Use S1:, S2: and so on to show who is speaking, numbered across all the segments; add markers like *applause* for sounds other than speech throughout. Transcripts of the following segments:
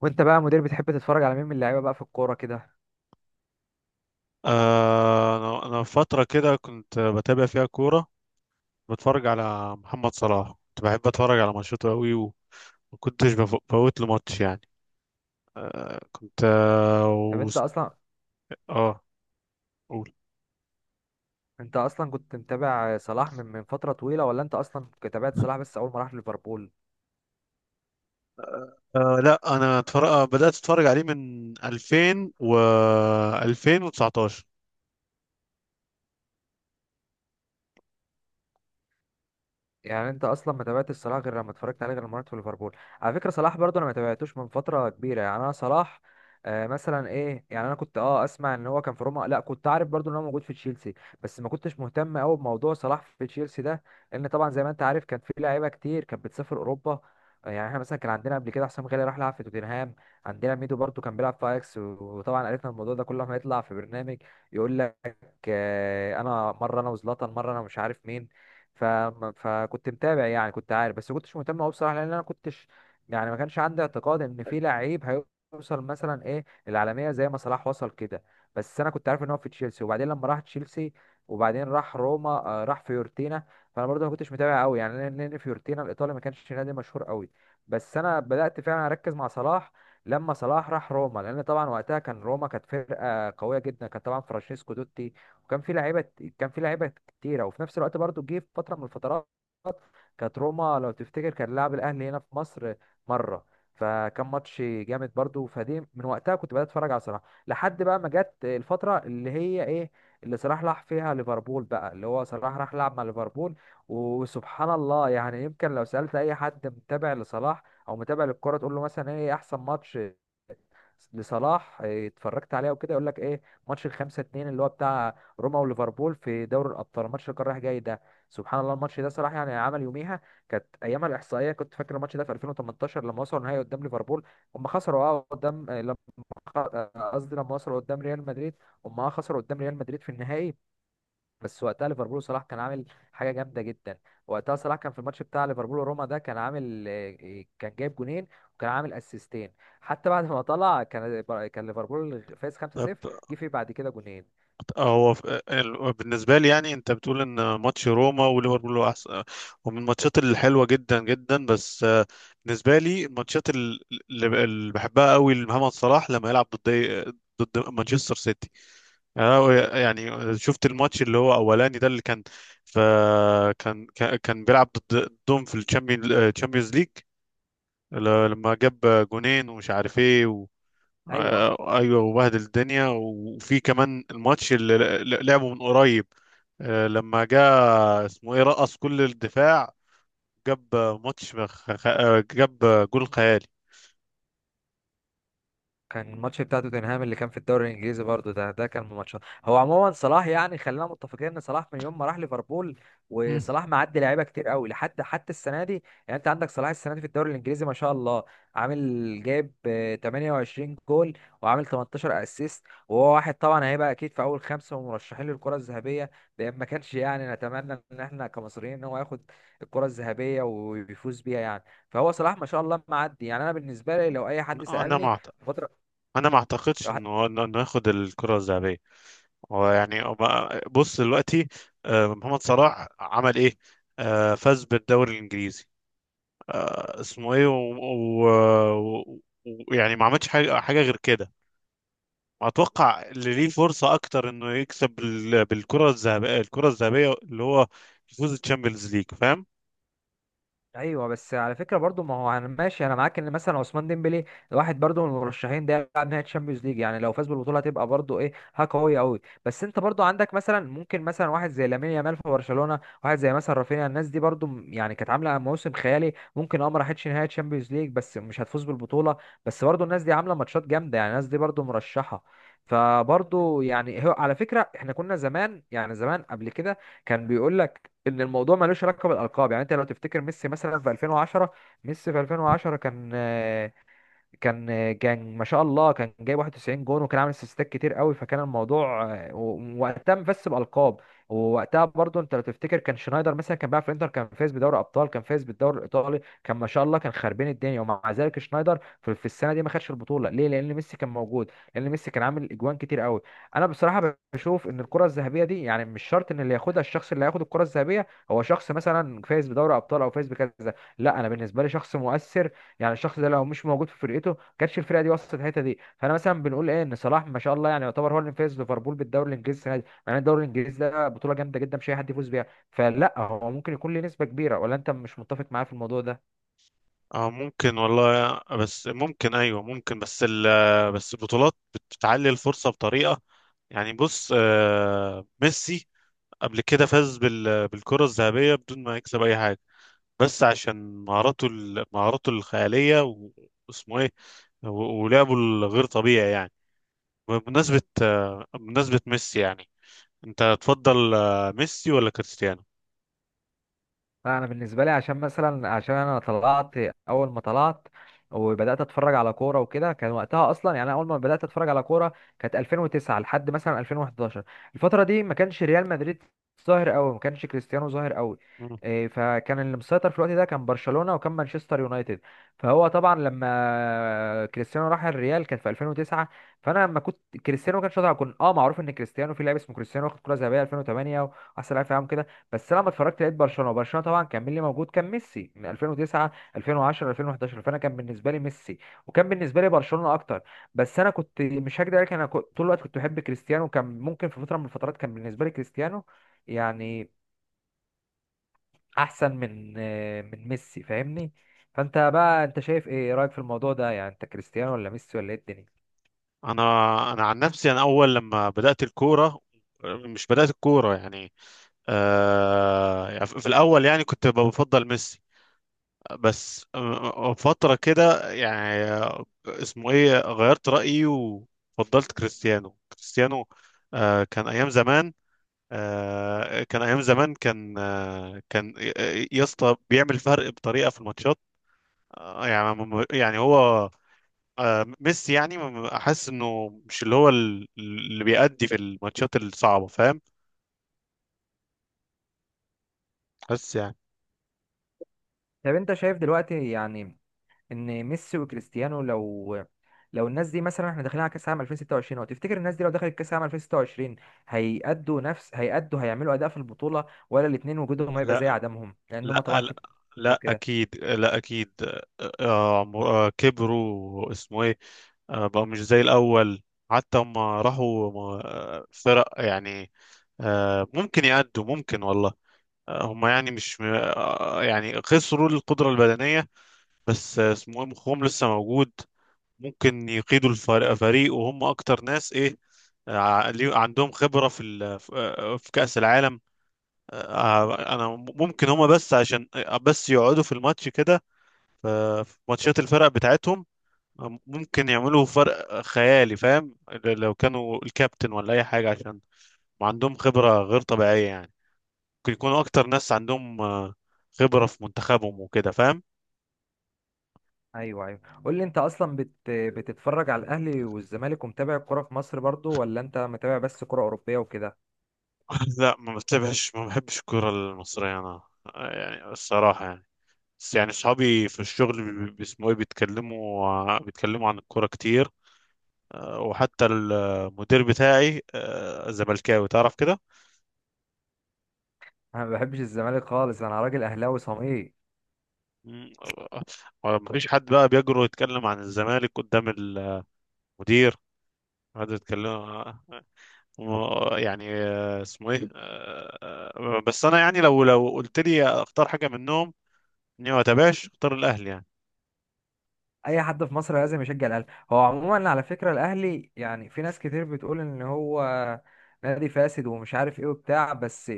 S1: وانت بقى مدير بتحب تتفرج على مين من اللعيبه بقى في الكوره كده؟
S2: أنا فترة كده كنت بتابع فيها كورة. بتفرج على محمد صلاح، كنت بحب أتفرج على ماتشاته أوي، وما كنتش بفوت له ماتش يعني. آه، كنت آه
S1: طب
S2: وس- آه قول.
S1: انت اصلا كنت متابع صلاح من فتره طويله، ولا انت اصلا تابعت صلاح بس اول ما راح ليفربول؟
S2: لا، أنا بدأت أتفرج عليه من 2000 و 2019.
S1: يعني انت اصلا ما تابعتش صلاح غير لما اتفرجت عليه غير مرات في ليفربول، على فكره صلاح برضه انا ما تابعتوش من فتره كبيره، يعني انا صلاح مثلا ايه، يعني انا كنت اسمع ان هو كان في روما، لا كنت عارف برضه ان هو موجود في تشيلسي. بس ما كنتش مهتم قوي بموضوع صلاح في تشيلسي ده، لان طبعا زي ما انت عارف كان في لعيبه كتير كانت بتسافر اوروبا. يعني احنا مثلا كان عندنا قبل كده حسام غالي راح لعب في توتنهام، عندنا ميدو برضه كان بيلعب في اياكس وطبعا عرفنا الموضوع ده كل ما يطلع في برنامج يقول لك انا مره انا وزلاتان، مره انا مش عارف مين. ف... فكنت متابع، يعني كنت عارف بس كنتش مهتم قوي بصراحه، لان انا كنتش يعني ما كانش عندي اعتقاد ان في لعيب هيوصل مثلا ايه العالميه زي ما صلاح وصل كده. بس انا كنت عارف ان هو في تشيلسي، وبعدين لما راح تشيلسي وبعدين راح روما، راح فيورتينا، فانا برضه ما كنتش متابع قوي يعني، لأن فيورتينا الايطالي ما كانش نادي مشهور قوي. بس انا بدات فعلا اركز مع صلاح لما صلاح راح روما، لان طبعا وقتها كان روما كانت فرقه قويه جدا، كان طبعا فرانشيسكو توتي وكان في لعيبه، كان في لعيبه كتيره، وفي نفس الوقت برضو جه في فتره من الفترات كانت روما لو تفتكر كان لاعب الاهلي هنا في مصر مره، فكان ماتش جامد برضو، فدي من وقتها كنت بدات اتفرج على صلاح لحد بقى ما جت الفتره اللي هي ايه، اللي صلاح راح فيها ليفربول بقى، اللي هو صلاح راح لعب مع ليفربول. وسبحان الله، يعني يمكن لو سالت اي حد متابع لصلاح او متابع للكوره تقول له مثلا ايه احسن ماتش لصلاح اتفرجت عليها وكده، يقول لك ايه ماتش الخمسة اتنين اللي هو بتاع روما وليفربول في دوري الابطال، الماتش اللي كان رايح جاي ده. سبحان الله الماتش ده صلاح يعني عمل يوميها، كانت ايامها الاحصائيه، كنت فاكر الماتش ده في 2018 لما وصلوا النهائي قدام ليفربول، هم خسروا قدام، آه، لما خ- آه، قصدي لما وصلوا قدام ريال مدريد، هم خسروا قدام ريال مدريد في النهائي. بس وقتها ليفربول صلاح كان عامل حاجه جامده جدا، وقتها صلاح كان في الماتش بتاع ليفربول وروما ده كان عامل، كان جايب جونين وكان عامل اسيستين، حتى بعد ما طلع كان ليفربول فاز 5-0، جه فيه بعد كده جونين.
S2: هو بالنسبة لي، يعني انت بتقول ان ماتش روما وليفربول هو احسن ومن الماتشات الحلوة جدا جدا. بس بالنسبة لي الماتشات اللي بحبها قوي لمحمد صلاح لما يلعب ضد ضد مانشستر سيتي. أنا يعني شفت الماتش اللي هو اولاني ده اللي كان ف كان بيلعب ضدهم في الشامبيونز ليج لما جاب جونين ومش عارف ايه.
S1: ايوه،
S2: ايوه، وبهدل الدنيا. وفي كمان الماتش لعبه من قريب، لما جاء اسمه ايه رقص كل الدفاع. جاب ماتش خ- خ- آه، جاب آه، جول خيالي.
S1: كان الماتش بتاع توتنهام اللي كان في الدوري الانجليزي برضو ده كان من ماتشات، هو عموما صلاح يعني خلينا متفقين ان صلاح من يوم ما راح ليفربول
S2: مم.
S1: وصلاح معدي لعيبه كتير قوي لحد حتى السنه دي. يعني انت عندك صلاح السنه دي في الدوري الانجليزي ما شاء الله عامل جايب 28 جول وعامل 18 اسيست، وهو واحد طبعا هيبقى اكيد في اول خمسه ومرشحين للكره الذهبيه، لان ما كانش يعني نتمنى ان احنا كمصريين ان هو ياخد الكره الذهبيه ويفوز بيها يعني. فهو صلاح ما شاء الله معدي، يعني انا بالنسبه لي لو اي حد
S2: انا
S1: سالني
S2: ما أعت-
S1: الفترة
S2: انا ما اعتقدش
S1: الواحد-
S2: انه إنه ياخد الكره الذهبيه. هو يعني بص دلوقتي، محمد صلاح عمل ايه؟ فاز بالدوري الانجليزي اسمه ايه ويعني ويعني ما عملش حاجه غير كده. اتوقع اللي ليه فرصه اكتر انه يكسب بالكره الذهبيه، الكره الذهبيه اللي هو يفوز الشامبيونز ليج، فاهم؟
S1: ايوه بس على فكره برضو، ما هو انا ماشي انا معاك ان مثلا عثمان ديمبلي الواحد برضو من المرشحين ده يلعب نهائي تشامبيونز ليج، يعني لو فاز بالبطوله هتبقى برضو ايه حاجه قويه قوي، بس انت برضو عندك مثلا ممكن مثلا واحد زي لامين يامال في برشلونه، واحد زي مثلا رافينيا، الناس دي برضو يعني كانت عامله موسم خيالي، ممكن ما راحتش نهائي تشامبيونز ليج بس مش هتفوز بالبطوله، بس برضو الناس دي عامله ماتشات جامده يعني الناس دي برضو مرشحه. فبرضو يعني هو على فكره احنا كنا زمان يعني زمان قبل كده كان بيقول ان الموضوع ملوش علاقه بالالقاب. يعني انت لو تفتكر ميسي مثلا في 2010، ميسي في 2010 كان، كان ما شاء الله كان جايب 91 جون، وكان عامل اسيستات كتير قوي، فكان الموضوع، وقتها مفس بالقاب. ووقتها برضو انت لو تفتكر كان شنايدر مثلا كان بيلعب في الانتر، كان فايز بدوري ابطال، كان فايز بالدوري الايطالي، كان ما شاء الله كان خربين الدنيا، ومع ذلك شنايدر في السنه دي ما خدش البطوله. ليه؟ لان ميسي كان موجود، لان ميسي كان عامل اجوان كتير قوي. انا بصراحه بشوف ان الكره الذهبيه دي يعني مش شرط ان اللي ياخدها الشخص اللي هياخد الكره الذهبيه هو شخص مثلا فايز بدوري ابطال او فايز بكذا، لا انا بالنسبه لي شخص مؤثر، يعني الشخص ده لو مش موجود في فرقته كانتش الفرقه دي وصلت الحته دي. فانا مثلا بنقول ايه ان صلاح ما شاء الله يعني يعتبر هو اللي فاز ليفربول بالدوري الانجليزي السنه دي، يعني الدوري الانجليزي ده بطوله جامده جدا مش اي حد يفوز بيها، فلا هو ممكن يكون له نسبه كبيره، ولا انت مش متفق معايا في الموضوع ده؟
S2: اه، ممكن والله، بس ممكن، ايوه ممكن. بس البطولات بتعلي الفرصه بطريقه. يعني بص، ميسي قبل كده فاز بالكره الذهبيه بدون ما يكسب اي حاجه، بس عشان مهاراته الخياليه واسمه ايه ولعبه الغير طبيعي يعني. بمناسبه ميسي يعني، انت تفضل ميسي ولا كريستيانو؟
S1: لا انا بالنسبه لي عشان مثلا، عشان انا طلعت اول ما طلعت وبدات اتفرج على كوره وكده كان وقتها اصلا، يعني أنا اول ما بدات اتفرج على كوره كانت 2009 لحد مثلا 2011، الفتره دي ما كانش ريال مدريد ظاهر قوي، ما كانش كريستيانو ظاهر قوي،
S2: مم.
S1: فكان اللي مسيطر في الوقت ده كان برشلونه وكان مانشستر يونايتد. فهو طبعا لما كريستيانو راح الريال كان في 2009، فانا لما كنت كريستيانو ما كانش طالع كنت معروف ان كريستيانو في لاعب اسمه كريستيانو واخد كره ذهبيه 2008 واحسن لاعب في العالم، بس انا لما اتفرجت لقيت برشلونه، وبرشلونه طبعا كان مين اللي موجود، كان ميسي من 2009 2010 2011، فانا كان بالنسبه لي ميسي وكان بالنسبه لي برشلونه اكتر. بس انا كنت مش هكدب عليك انا كنت طول الوقت كنت بحب كريستيانو، وكان ممكن في فتره من الفترات كان بالنسبه لي كريستيانو يعني احسن من من ميسي، فاهمني؟ فانت بقى انت شايف ايه، إيه رايك في الموضوع ده؟ يعني انت كريستيانو ولا ميسي ولا ايه الدنيا؟
S2: انا انا عن نفسي، انا اول لما بدات الكوره، مش بدات الكوره يعني يعني في الاول يعني كنت بفضل ميسي. بس فتره كده يعني اسمه ايه غيرت رايي، وفضلت كريستيانو. كان ايام زمان، كان ايام زمان كان آه كان آه، يا اسطى بيعمل فرق بطريقه في الماتشات. هو ميسي يعني احس انه مش اللي هو اللي بيأدي في الماتشات الصعبة، فاهم، حاسس يعني؟
S1: طب انت شايف دلوقتي يعني ان ميسي وكريستيانو لو، الناس دي مثلا، احنا داخلين على كاس عام 2026 اهو، تفتكر الناس دي لو دخلت كاس عام 2026 هيأدوا نفس، هيعملوا اداء في البطوله، ولا الاثنين وجودهم هيبقى زي
S2: لا،
S1: عدمهم لان
S2: لا،
S1: هم طبعا كده
S2: لا
S1: وكده؟
S2: اكيد، لا اكيد. كبروا اسمه ايه، بقوا مش زي الاول، حتى هم راحوا فرق يعني. ممكن يأدوا، ممكن والله. هم يعني مش م- آه، يعني خسروا القدرة البدنية، بس اسمه ايه مخهم لسه موجود. ممكن يقيدوا الفريق فريق وهم اكتر ناس ايه عندهم خبرة في في كأس العالم. انا ممكن هم بس عشان بس يقعدوا في الماتش كده ف- في ماتشات الفرق بتاعتهم، ممكن يعملوا فرق خيالي، فاهم؟ لو كانوا الكابتن ولا اي حاجة، عشان عندهم خبرة غير طبيعية يعني. ممكن يكونوا اكتر ناس عندهم خبرة في منتخبهم وكده، فاهم؟
S1: ايوه ايوه، قول لي انت اصلا بتتفرج على الاهلي والزمالك ومتابع الكوره في مصر برضو، ولا انت متابع بس كوره اوروبيه وكده؟
S2: *laughs* لا، ما بتابعش، ما بحبش الكرة المصرية انا. يعني الصراحة يعني. بس يعني اصحابي في الشغل اسمه ايه بيتكلموا عن الكوره كتير. وحتى المدير بتاعي زملكاوي تعرف كده.
S1: انا ما بحبش الزمالك خالص، انا راجل اهلاوي صميم،
S2: مم، مفيش حد بقى بيجرؤ يتكلم عن الزمالك قدام المدير. هذا يتكلم اسمه ايه، بس انا يعني لو قلت لي اختار حاجه منهم، اني ما اتابعش اختار الاهلي يعني.
S1: اي حد في مصر لازم يشجع الاهلي. هو عموما على فكره الاهلي، يعني في ناس كتير بتقول ان هو نادي فاسد ومش عارف ايه وبتاع، بس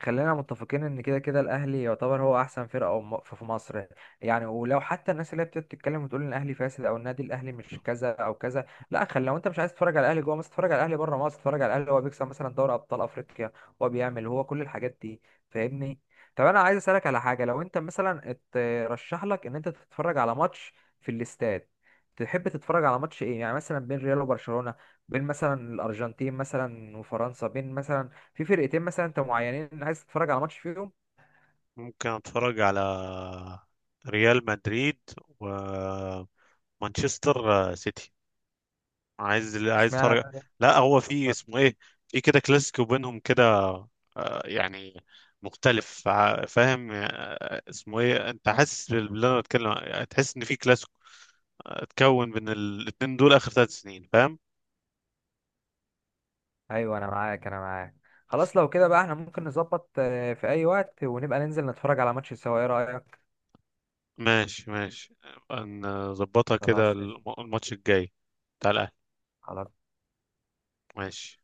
S1: خلينا متفقين ان كده كده الاهلي يعتبر هو احسن فرقه في مصر. يعني ولو حتى الناس اللي هي بتقعد تتكلم وتقول ان الاهلي فاسد او النادي الاهلي مش كذا او كذا، لا خلي، لو انت مش عايز تتفرج على الاهلي جوه مصر اتفرج على الاهلي بره مصر، اتفرج على الاهلي هو بيكسب مثلا دوري ابطال افريقيا، هو بيعمل هو كل الحاجات دي، فاهمني؟ طب انا عايز اسالك على حاجه، لو انت مثلا اترشح لك ان انت تتفرج على ماتش في الاستاد تحب تتفرج على ماتش ايه، يعني مثلا بين ريال وبرشلونة، بين مثلا الارجنتين مثلا وفرنسا، بين مثلا في فرقتين مثلا انت معينين عايز تتفرج على ماتش فيهم؟
S2: ممكن اتفرج على ريال مدريد ومانشستر سيتي، عايز
S1: اشمعنى
S2: اتفرج.
S1: بقى ريال
S2: لا، هو في
S1: وبرشلونة؟
S2: اسمه ايه، في كده كلاسيكو بينهم كده، يعني مختلف، فاهم؟ اسمه ايه، انت حاسس باللي انا بتكلم يعني، تحس ان في كلاسيكو اتكون بين الاتنين دول اخر ثلاث سنين، فاهم؟
S1: ايوه انا معاك انا معاك، خلاص لو كده بقى احنا ممكن نظبط في اي وقت ونبقى ننزل نتفرج على ماتش سوا، ايه رأيك؟
S2: ماشي، ماشي، نظبطها كده
S1: خلاص قشطة.
S2: الماتش الجاي بتاع الاهلي،
S1: خلاص
S2: ماشي.